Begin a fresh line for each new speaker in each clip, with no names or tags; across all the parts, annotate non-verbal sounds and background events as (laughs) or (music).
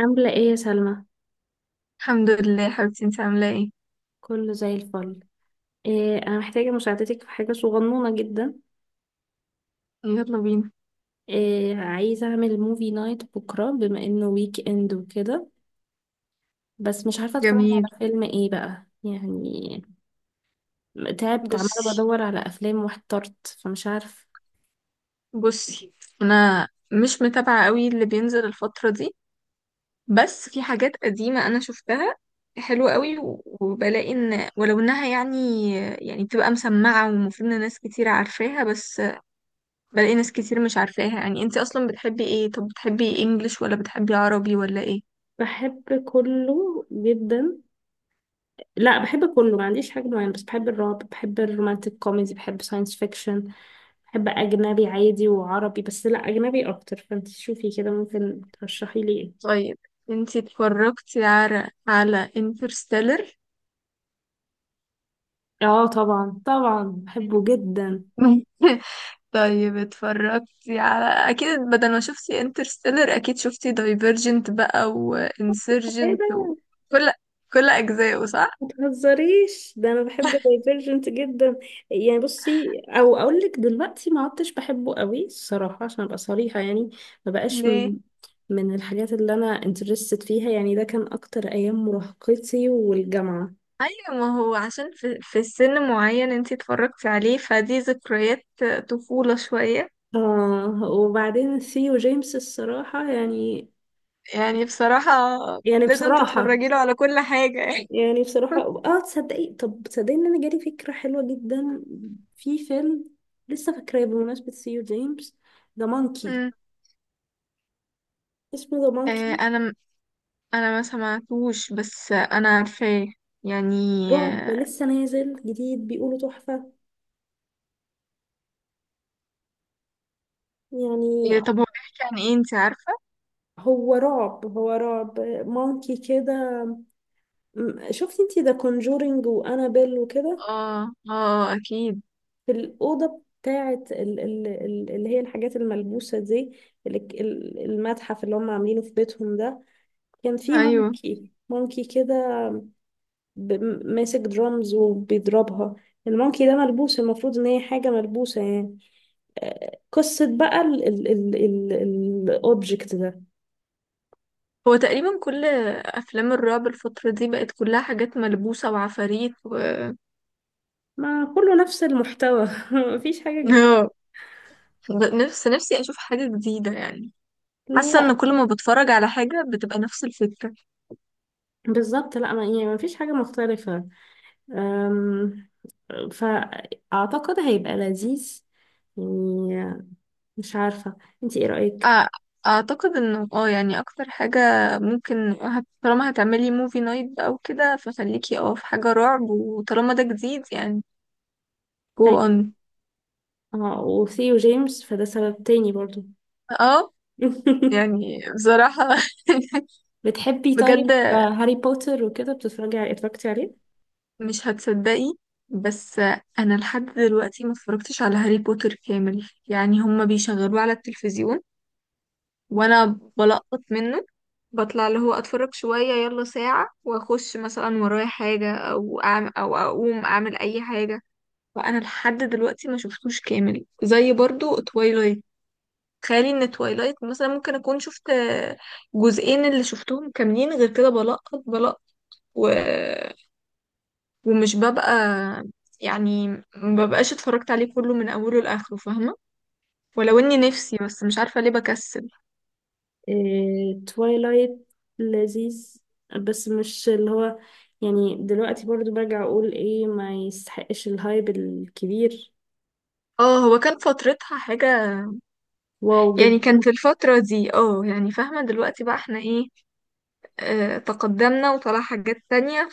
عاملة ايه يا سلمى؟
الحمد لله حبيبتي، انت عاملة ايه؟
كله زي الفل. إيه انا محتاجة مساعدتك في حاجة صغنونة جدا.
يلا بينا.
إيه عايزة اعمل موفي نايت بكرة بما انه ويك اند وكده. بس مش عارفة اتفرج
جميل.
على فيلم ايه بقى يعني. تعبت عمالة
بصي
بدور على افلام واحترت فمش عارفة.
بصي، انا مش متابعة قوي اللي بينزل الفترة دي، بس في حاجات قديمة انا شفتها حلوة قوي وبلاقي ان ولو انها يعني بتبقى مسمعة ومفروض ان ناس كتير عارفاها، بس بلاقي ناس كتير مش عارفاها. يعني انت اصلا بتحبي ايه؟ طب بتحبي انجليش ولا بتحبي عربي ولا ايه؟
بحب كله جدا. لا بحب كله ما عنديش حاجة معينة، بس بحب الرعب، بحب الرومانتك كوميدي، بحب ساينس فيكشن. بحب أجنبي عادي وعربي، بس لا أجنبي أكتر، فانت شوفي كده ممكن ترشحي لي إيه.
طيب انت اتفرجتي على انترستيلر؟
اه طبعا طبعا بحبه جدا.
(laughs) طيب اتفرجتي على، اكيد بدل ما شفتي انترستيلر اكيد شفتي دايفرجنت بقى
ايه
وانسرجنت
ده؟
وكل كل اجزائه، صح؟
ما تهزريش ده انا بحب
(laughs)
دايفرجنت جدا. يعني بصي، او اقول لك دلوقتي ما عدتش بحبه قوي الصراحه، عشان ابقى صريحه يعني. ما بقاش
ليه؟
من الحاجات اللي انا انترستد فيها، يعني ده كان اكتر ايام مراهقتي والجامعه.
ايوه، ما هو عشان في سن معين انتي اتفرجتي عليه، فدي ذكريات طفولة شوية.
اه وبعدين ثيو جيمس الصراحه يعني،
يعني بصراحة
يعني
لازم
بصراحه،
تتفرجي له على كل حاجة يعني.
يعني بصراحة.
(laughs)
اه تصدقي، طب تصدقي ان انا جالي فكرة حلوة جدا في فيلم لسه فاكراه، بمناسبة سيو جيمس، ذا مونكي.
مم.
اسمه ذا مونكي.
انا، انا ما سمعتوش بس انا عارفاه يعني.
رعب
آه،
لسه نازل جديد، بيقولوا تحفة يعني.
طب هو بيحكي عن ايه، انتي عارفة؟
هو رعب، هو رعب. مونكي كده. شفتي انتي ذا كونجورينج وانابيل وكده،
اه اه اكيد.
في الأوضة بتاعة اللي هي الحاجات الملبوسة دي، المتحف اللي هم عاملينه في بيتهم ده، كان في
ايوه،
مونكي مونكي كده ماسك درامز وبيضربها. المونكي ده ملبوس، المفروض ان هي حاجة ملبوسة يعني. قصة بقى الأوبجكت ده.
هو تقريبا كل افلام الرعب الفترة دي بقت كلها حاجات ملبوسة وعفاريت و (laughs)
ما كله نفس المحتوى. (laughs) مفيش حاجة جديدة.
آه. نفس نفسي اشوف حاجة جديدة يعني. حاسة
لا
ان كل ما بتفرج على حاجة بتبقى نفس الفكرة.
بالظبط، لا ما يعني مفيش حاجة مختلفة. أم، فأعتقد هيبقى لذيذ يعني، مش عارفة. انتي ايه رأيك؟
أع- اعتقد انه، اه يعني اكتر حاجة ممكن طالما هتعملي موفي نايت او كده، فخليكي اه في حاجة رعب، وطالما ده جديد يعني. go
أيوة.
on.
اه وثيو جيمس فده سبب تاني برضو.
اه
(laughs)
يعني بصراحة.
بتحبي
(laughs)
طيب
بجد
هاري بوتر وكده؟ بتتفرجي اتفرجتي عليه؟
مش هتصدقي، بس انا لحد دلوقتي ما اتفرجتش على هاري بوتر كامل. يعني هما بيشغلوه على التلفزيون وانا بلقط منه، بطلع اللي هو اتفرج شوية يلا ساعة واخش مثلا ورايا حاجة او أعم او اقوم اعمل اي حاجة. فانا لحد دلوقتي ما شفتوش كامل، زي برضو تويلايت. تخيلي ان تويلايت مثلا ممكن اكون شفت جزئين اللي شفتهم كاملين، غير كده بلقط بلقط. ومش ببقى، يعني ما ببقاش اتفرجت عليه كله من اوله لاخره، فاهمه؟ ولو اني نفسي، بس مش عارفه ليه بكسل.
إيه، تويلايت لذيذ، بس مش اللي هو يعني، دلوقتي برضو برجع اقول ايه، ما يستحقش الهايب الكبير.
اه، هو كان فترتها حاجه،
واو
يعني
جدا.
كان في الفتره دي اه، يعني فاهمه دلوقتي بقى احنا ايه، اه تقدمنا وطلع حاجات تانية،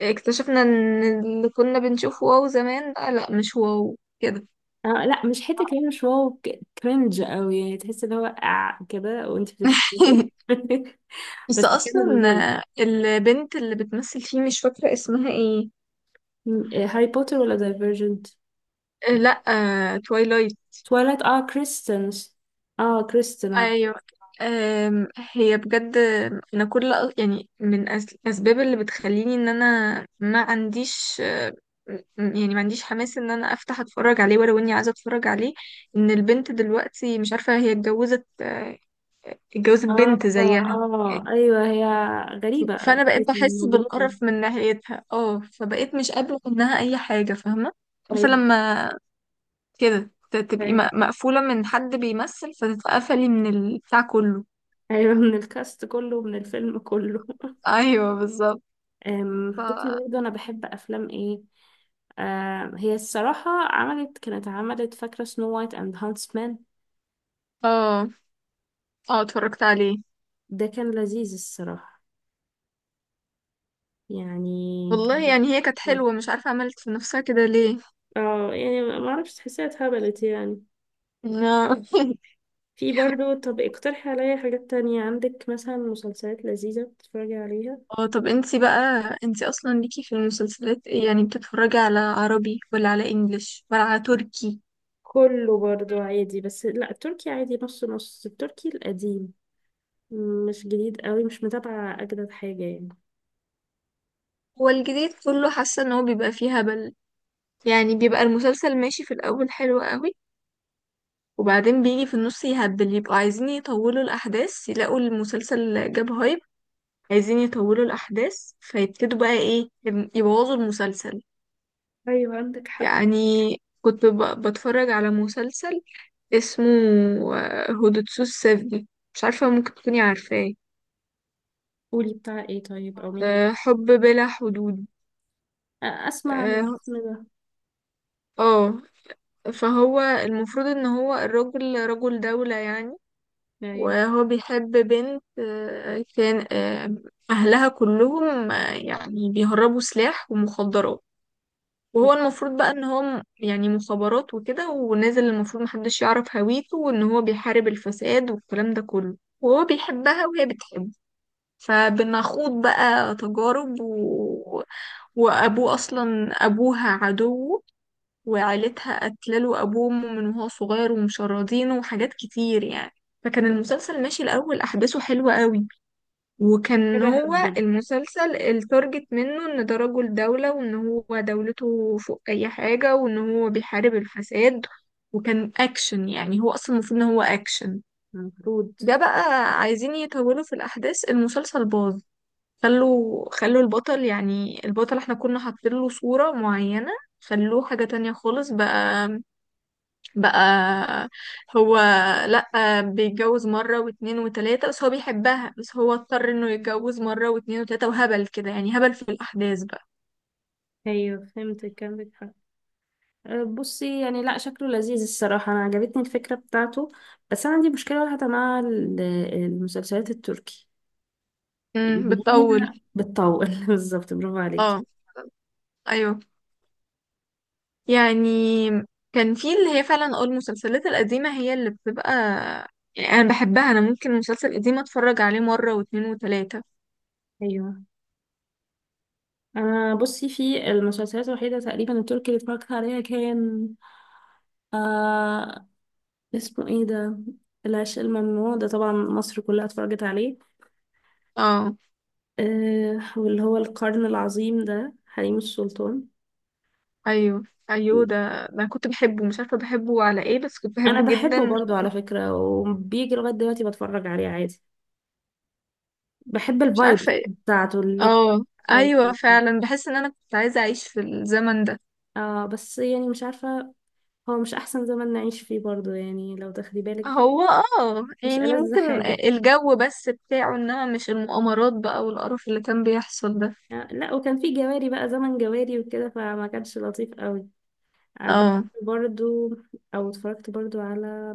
فاكتشفنا ان اللي كنا بنشوفه واو زمان بقى لا مش واو كده.
آه لا مش حته كمان، مش واو، كرنج قوي يعني، تحس اللي هو آه كده وانت بتتفرجي.
(laughs)
(laughs)
بس
بس كده
اصلا
لذيذ.
البنت اللي بتمثل فيه مش فاكره اسمها ايه.
إيه، هاري بوتر ولا دايفرجنت؟
لا، توايلايت.
تويلايت، اه كريستنس، اه كريستن.
ايوه. هي بجد، انا كل، يعني من الاسباب اللي بتخليني ان انا ما عنديش م- يعني ما عنديش حماس ان انا افتح اتفرج عليه، ولو اني عايزه اتفرج عليه، ان البنت دلوقتي مش عارفه هي اتجوزت اتجوزت
اه
بنت زيها
اه
يعني.
ايوه هي غريبة.
فانا بقيت بحس
مجنونة.
بالقرف من ناحيتها، اه فبقيت مش قابله منها اي حاجه، فاهمه؟ عارفه
ايوه
لما كده تبقي
ايوه
مقفوله من حد بيمثل، فتتقفلي من البتاع كله.
أيوة، (laughs) من الكاست كله من الفيلم كله. (laughs)
ايوه بالظبط. ف
بصي
اه.
برضه انا بحب افلام ايه. هي الصراحة كانت عملت فاكرة سنو وايت اند هانسمان.
اه اتفرجت عليه.
ده كان لذيذ الصراحة يعني
والله
كان.
يعني هي كانت حلوة، مش عارفة عملت في نفسها كده ليه.
اه يعني ما اعرفش تحسيها اتهبلت يعني.
لا. (laughs)
في برضه، طب اقترحي عليا حاجات تانية عندك، مثلا مسلسلات لذيذة بتتفرجي عليها.
اه طب انتي بقى، انتي اصلا ليكي في المسلسلات ايه؟ يعني بتتفرجي على عربي ولا على انجليش ولا على تركي؟
كله برضو عادي، بس لا التركي عادي، نص نص التركي القديم، مش جديد قوي، مش متابعة أجدد حاجة يعني.
هو الجديد كله حاسة ان هو بيبقى فيه هبل. يعني بيبقى المسلسل ماشي في الاول حلو قوي، وبعدين بيجي في النص يهبل، يبقوا عايزين يطولوا الاحداث يلاقوا المسلسل جاب هايب، عايزين يطولوا الاحداث، فيبتدوا بقى ايه، يبوظوا المسلسل.
أيوة عندك حق.
يعني كنت بتفرج على مسلسل اسمه هودوتسو السفجي، مش عارفة ممكن تكوني عارفاه.
قولي بتاع ايه طيب، أو مين
حب بلا حدود.
أسمع من
اه.
الاسم ده.
آه، فهو المفروض ان هو الراجل رجل دولة يعني،
أيوه
وهو بيحب بنت، كان اهلها كلهم يعني بيهربوا سلاح ومخدرات، وهو المفروض بقى ان هو يعني مخابرات وكده ونازل، المفروض محدش يعرف هويته وان هو بيحارب الفساد والكلام ده كله. وهو بيحبها وهي بتحبه، فبنخوض بقى تجارب وابوه اصلا، ابوها عدوه وعيلتها قتلوا ابوه من وهو صغير ومشردينه وحاجات كتير يعني. فكان المسلسل ماشي الاول احداثه حلوة قوي،
أنا
وكان
كده
هو
هبل.
المسلسل التارجت منه ان ده رجل دولة وان هو دولته فوق اي حاجة وان هو بيحارب الفساد، وكان اكشن، يعني هو اصلا المفروض ان هو اكشن.
المفروض.
ده بقى عايزين يطولوا في الاحداث، المسلسل باظ. خلوا البطل، يعني البطل احنا كنا حاطين له صورة معينة، خلوه حاجة تانية خالص بقى. بقى هو لأ بيتجوز مرة واتنين وتلاتة، بس هو بيحبها، بس هو اضطر انه يتجوز مرة واتنين وتلاتة، وهبل كده يعني، هبل في الأحداث بقى.
أيوه فهمتك عندك حق. بصي يعني، لا شكله لذيذ الصراحة، أنا عجبتني الفكرة بتاعته، بس أنا عندي مشكلة واحدة مع المسلسلات التركي، إن هي
بتطول.
بتطول. (laughs) بالظبط برافو عليكي.
اه ايوه يعني، كان في اللي هي فعلا اه المسلسلات القديمة هي اللي بتبقى، يعني انا بحبها، انا ممكن مسلسل قديم اتفرج عليه مرة واتنين وتلاتة.
أيوه انا بصي، في المسلسلات الوحيده تقريبا التركي اللي اتفرجت عليها كان آه اسمه ايه ده، العشق الممنوع، ده طبعا مصر كلها اتفرجت عليه.
اه
آه واللي هو القرن العظيم ده حريم السلطان.
ايوه. ايوه ده، ده أنا كنت بحبه، مش عارفة بحبه على ايه بس كنت
انا
بحبه
بحبه
جدا.
برضو على فكرة، وبيجي لغاية دلوقتي بتفرج عليه عادي، بحب
مش
الفايب
عارفة.
بتاعته اللي،
اه
او
ايوه فعلا، بحس ان انا كنت عايزه اعيش في الزمن ده.
آه بس يعني مش عارفة، هو مش احسن زمن نعيش فيه برضو يعني لو تاخدي بالك.
هو اه
مش
يعني
ألذ
ممكن
حاجة.
الجو بس بتاعه، انما مش المؤامرات بقى والقرف اللي كان بيحصل ده.
لا، وكان في جواري بقى، زمن جواري وكده، فما كانش لطيف قوي. بحب
اه
برضو، او اتفرجت برضو على،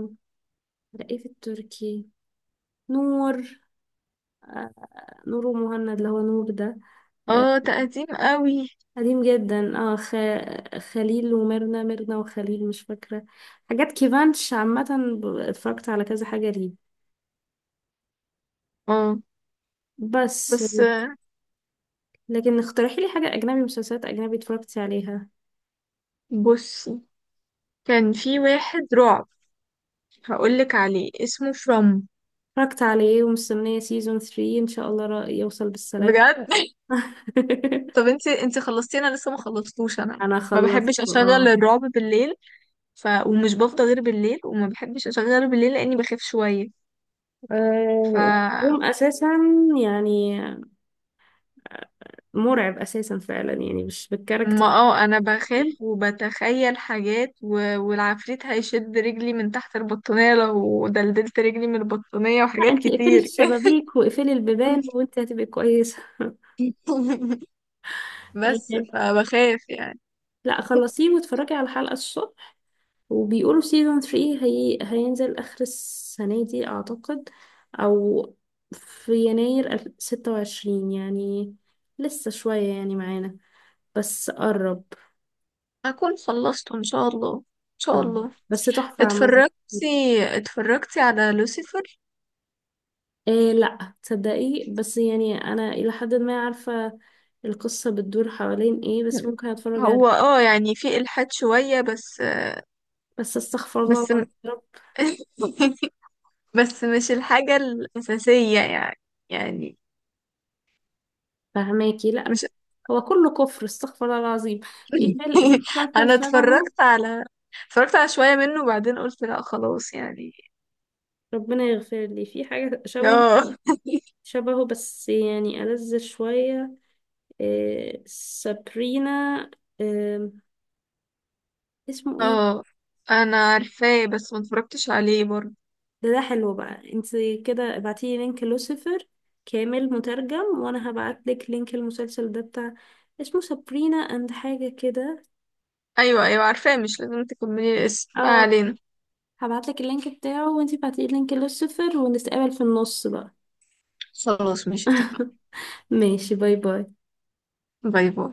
على ايه في التركي، نور. نور ومهند اللي هو نور ده. أه،
اه تقديم قوي.
قديم جدا، اه خليل وميرنا، ميرنا وخليل مش فاكرة، حاجات كيفانش عامة، اتفرجت على كذا حاجة ليه.
اه
بس.
بس
لكن اقترحي لي حاجة أجنبي، مسلسلات أجنبي اتفرجتي عليها.
بصي، كان في واحد رعب هقولك عليه، اسمه فروم.
اتفرجت عليه، ومستنية سيزون 3 إن شاء الله يوصل بالسلام.
بجد. (laughs)
(laughs)
طب انتي، انتي خلصتي؟ انا لسه ما خلصتوش. انا
انا
ما
خلصت
بحبش اشغل
اه.
الرعب بالليل، ومش بفضى غير بالليل، وما بحبش اشغله بالليل لاني بخاف شويه. ف
آه، قوم اساسا يعني، مرعب اساسا فعلا، يعني مش بالكاركتر
ما اه انا
دي.
بخاف وبتخيل حاجات والعفريت هيشد رجلي من تحت البطانية لو دلدلت رجلي من البطانية،
لا
وحاجات
انت اقفلي
كتير.
الشبابيك واقفلي البيبان وانت هتبقي كويسه.
(laughs) بس
(laughs)
فبخاف يعني.
لا خلصيه واتفرجي على الحلقه الصبح. وبيقولوا سيزون 3 هينزل اخر السنه دي اعتقد، او في يناير 26 يعني، لسه شويه يعني معانا بس قرب.
اكون خلصته ان شاء الله، ان شاء
اه
الله.
بس تحفه عامه.
اتفرجتي، اتفرجتي على لوسيفر؟
إيه لا تصدقي، بس يعني انا الى حد ما عارفه القصه بتدور حوالين ايه، بس ممكن اتفرج
هو
عليه.
اه يعني في الحاد شوية بس،
بس استغفر الله
بس (laughs)
العظيم يا رب.
بس مش الحاجة الأساسية يعني، يعني
فهماكي لا،
مش
هو كله كفر، استغفر الله العظيم. في فيلم، في
(laughs) انا
مسلسل شبهه،
اتفرجت على، اتفرجت على شوية منه وبعدين قلت لا خلاص يعني.
ربنا يغفر لي، في حاجه شبه
اه.
شبهه بس يعني ألذ شويه. إيه سابرينا، إيه اسمه
(laughs)
ايه.
اه انا عارفاه بس ما اتفرجتش عليه برضه.
ده حلو بقى، انت كده ابعتيلي لينك لوسيفر كامل مترجم، وانا هبعتلك لينك المسلسل ده بتاع، اسمه سابرينا اند حاجة كده.
ايوه ايوه عارفاه، مش لازم تكملي الاسم، ما
اه
علينا.
هبعتلك اللينك بتاعه، وانتي ابعتيلي لينك لوسيفر، ونتقابل في النص بقى.
خلاص ماشي اتفقنا.
(laughs) ماشي باي باي.
باي باي.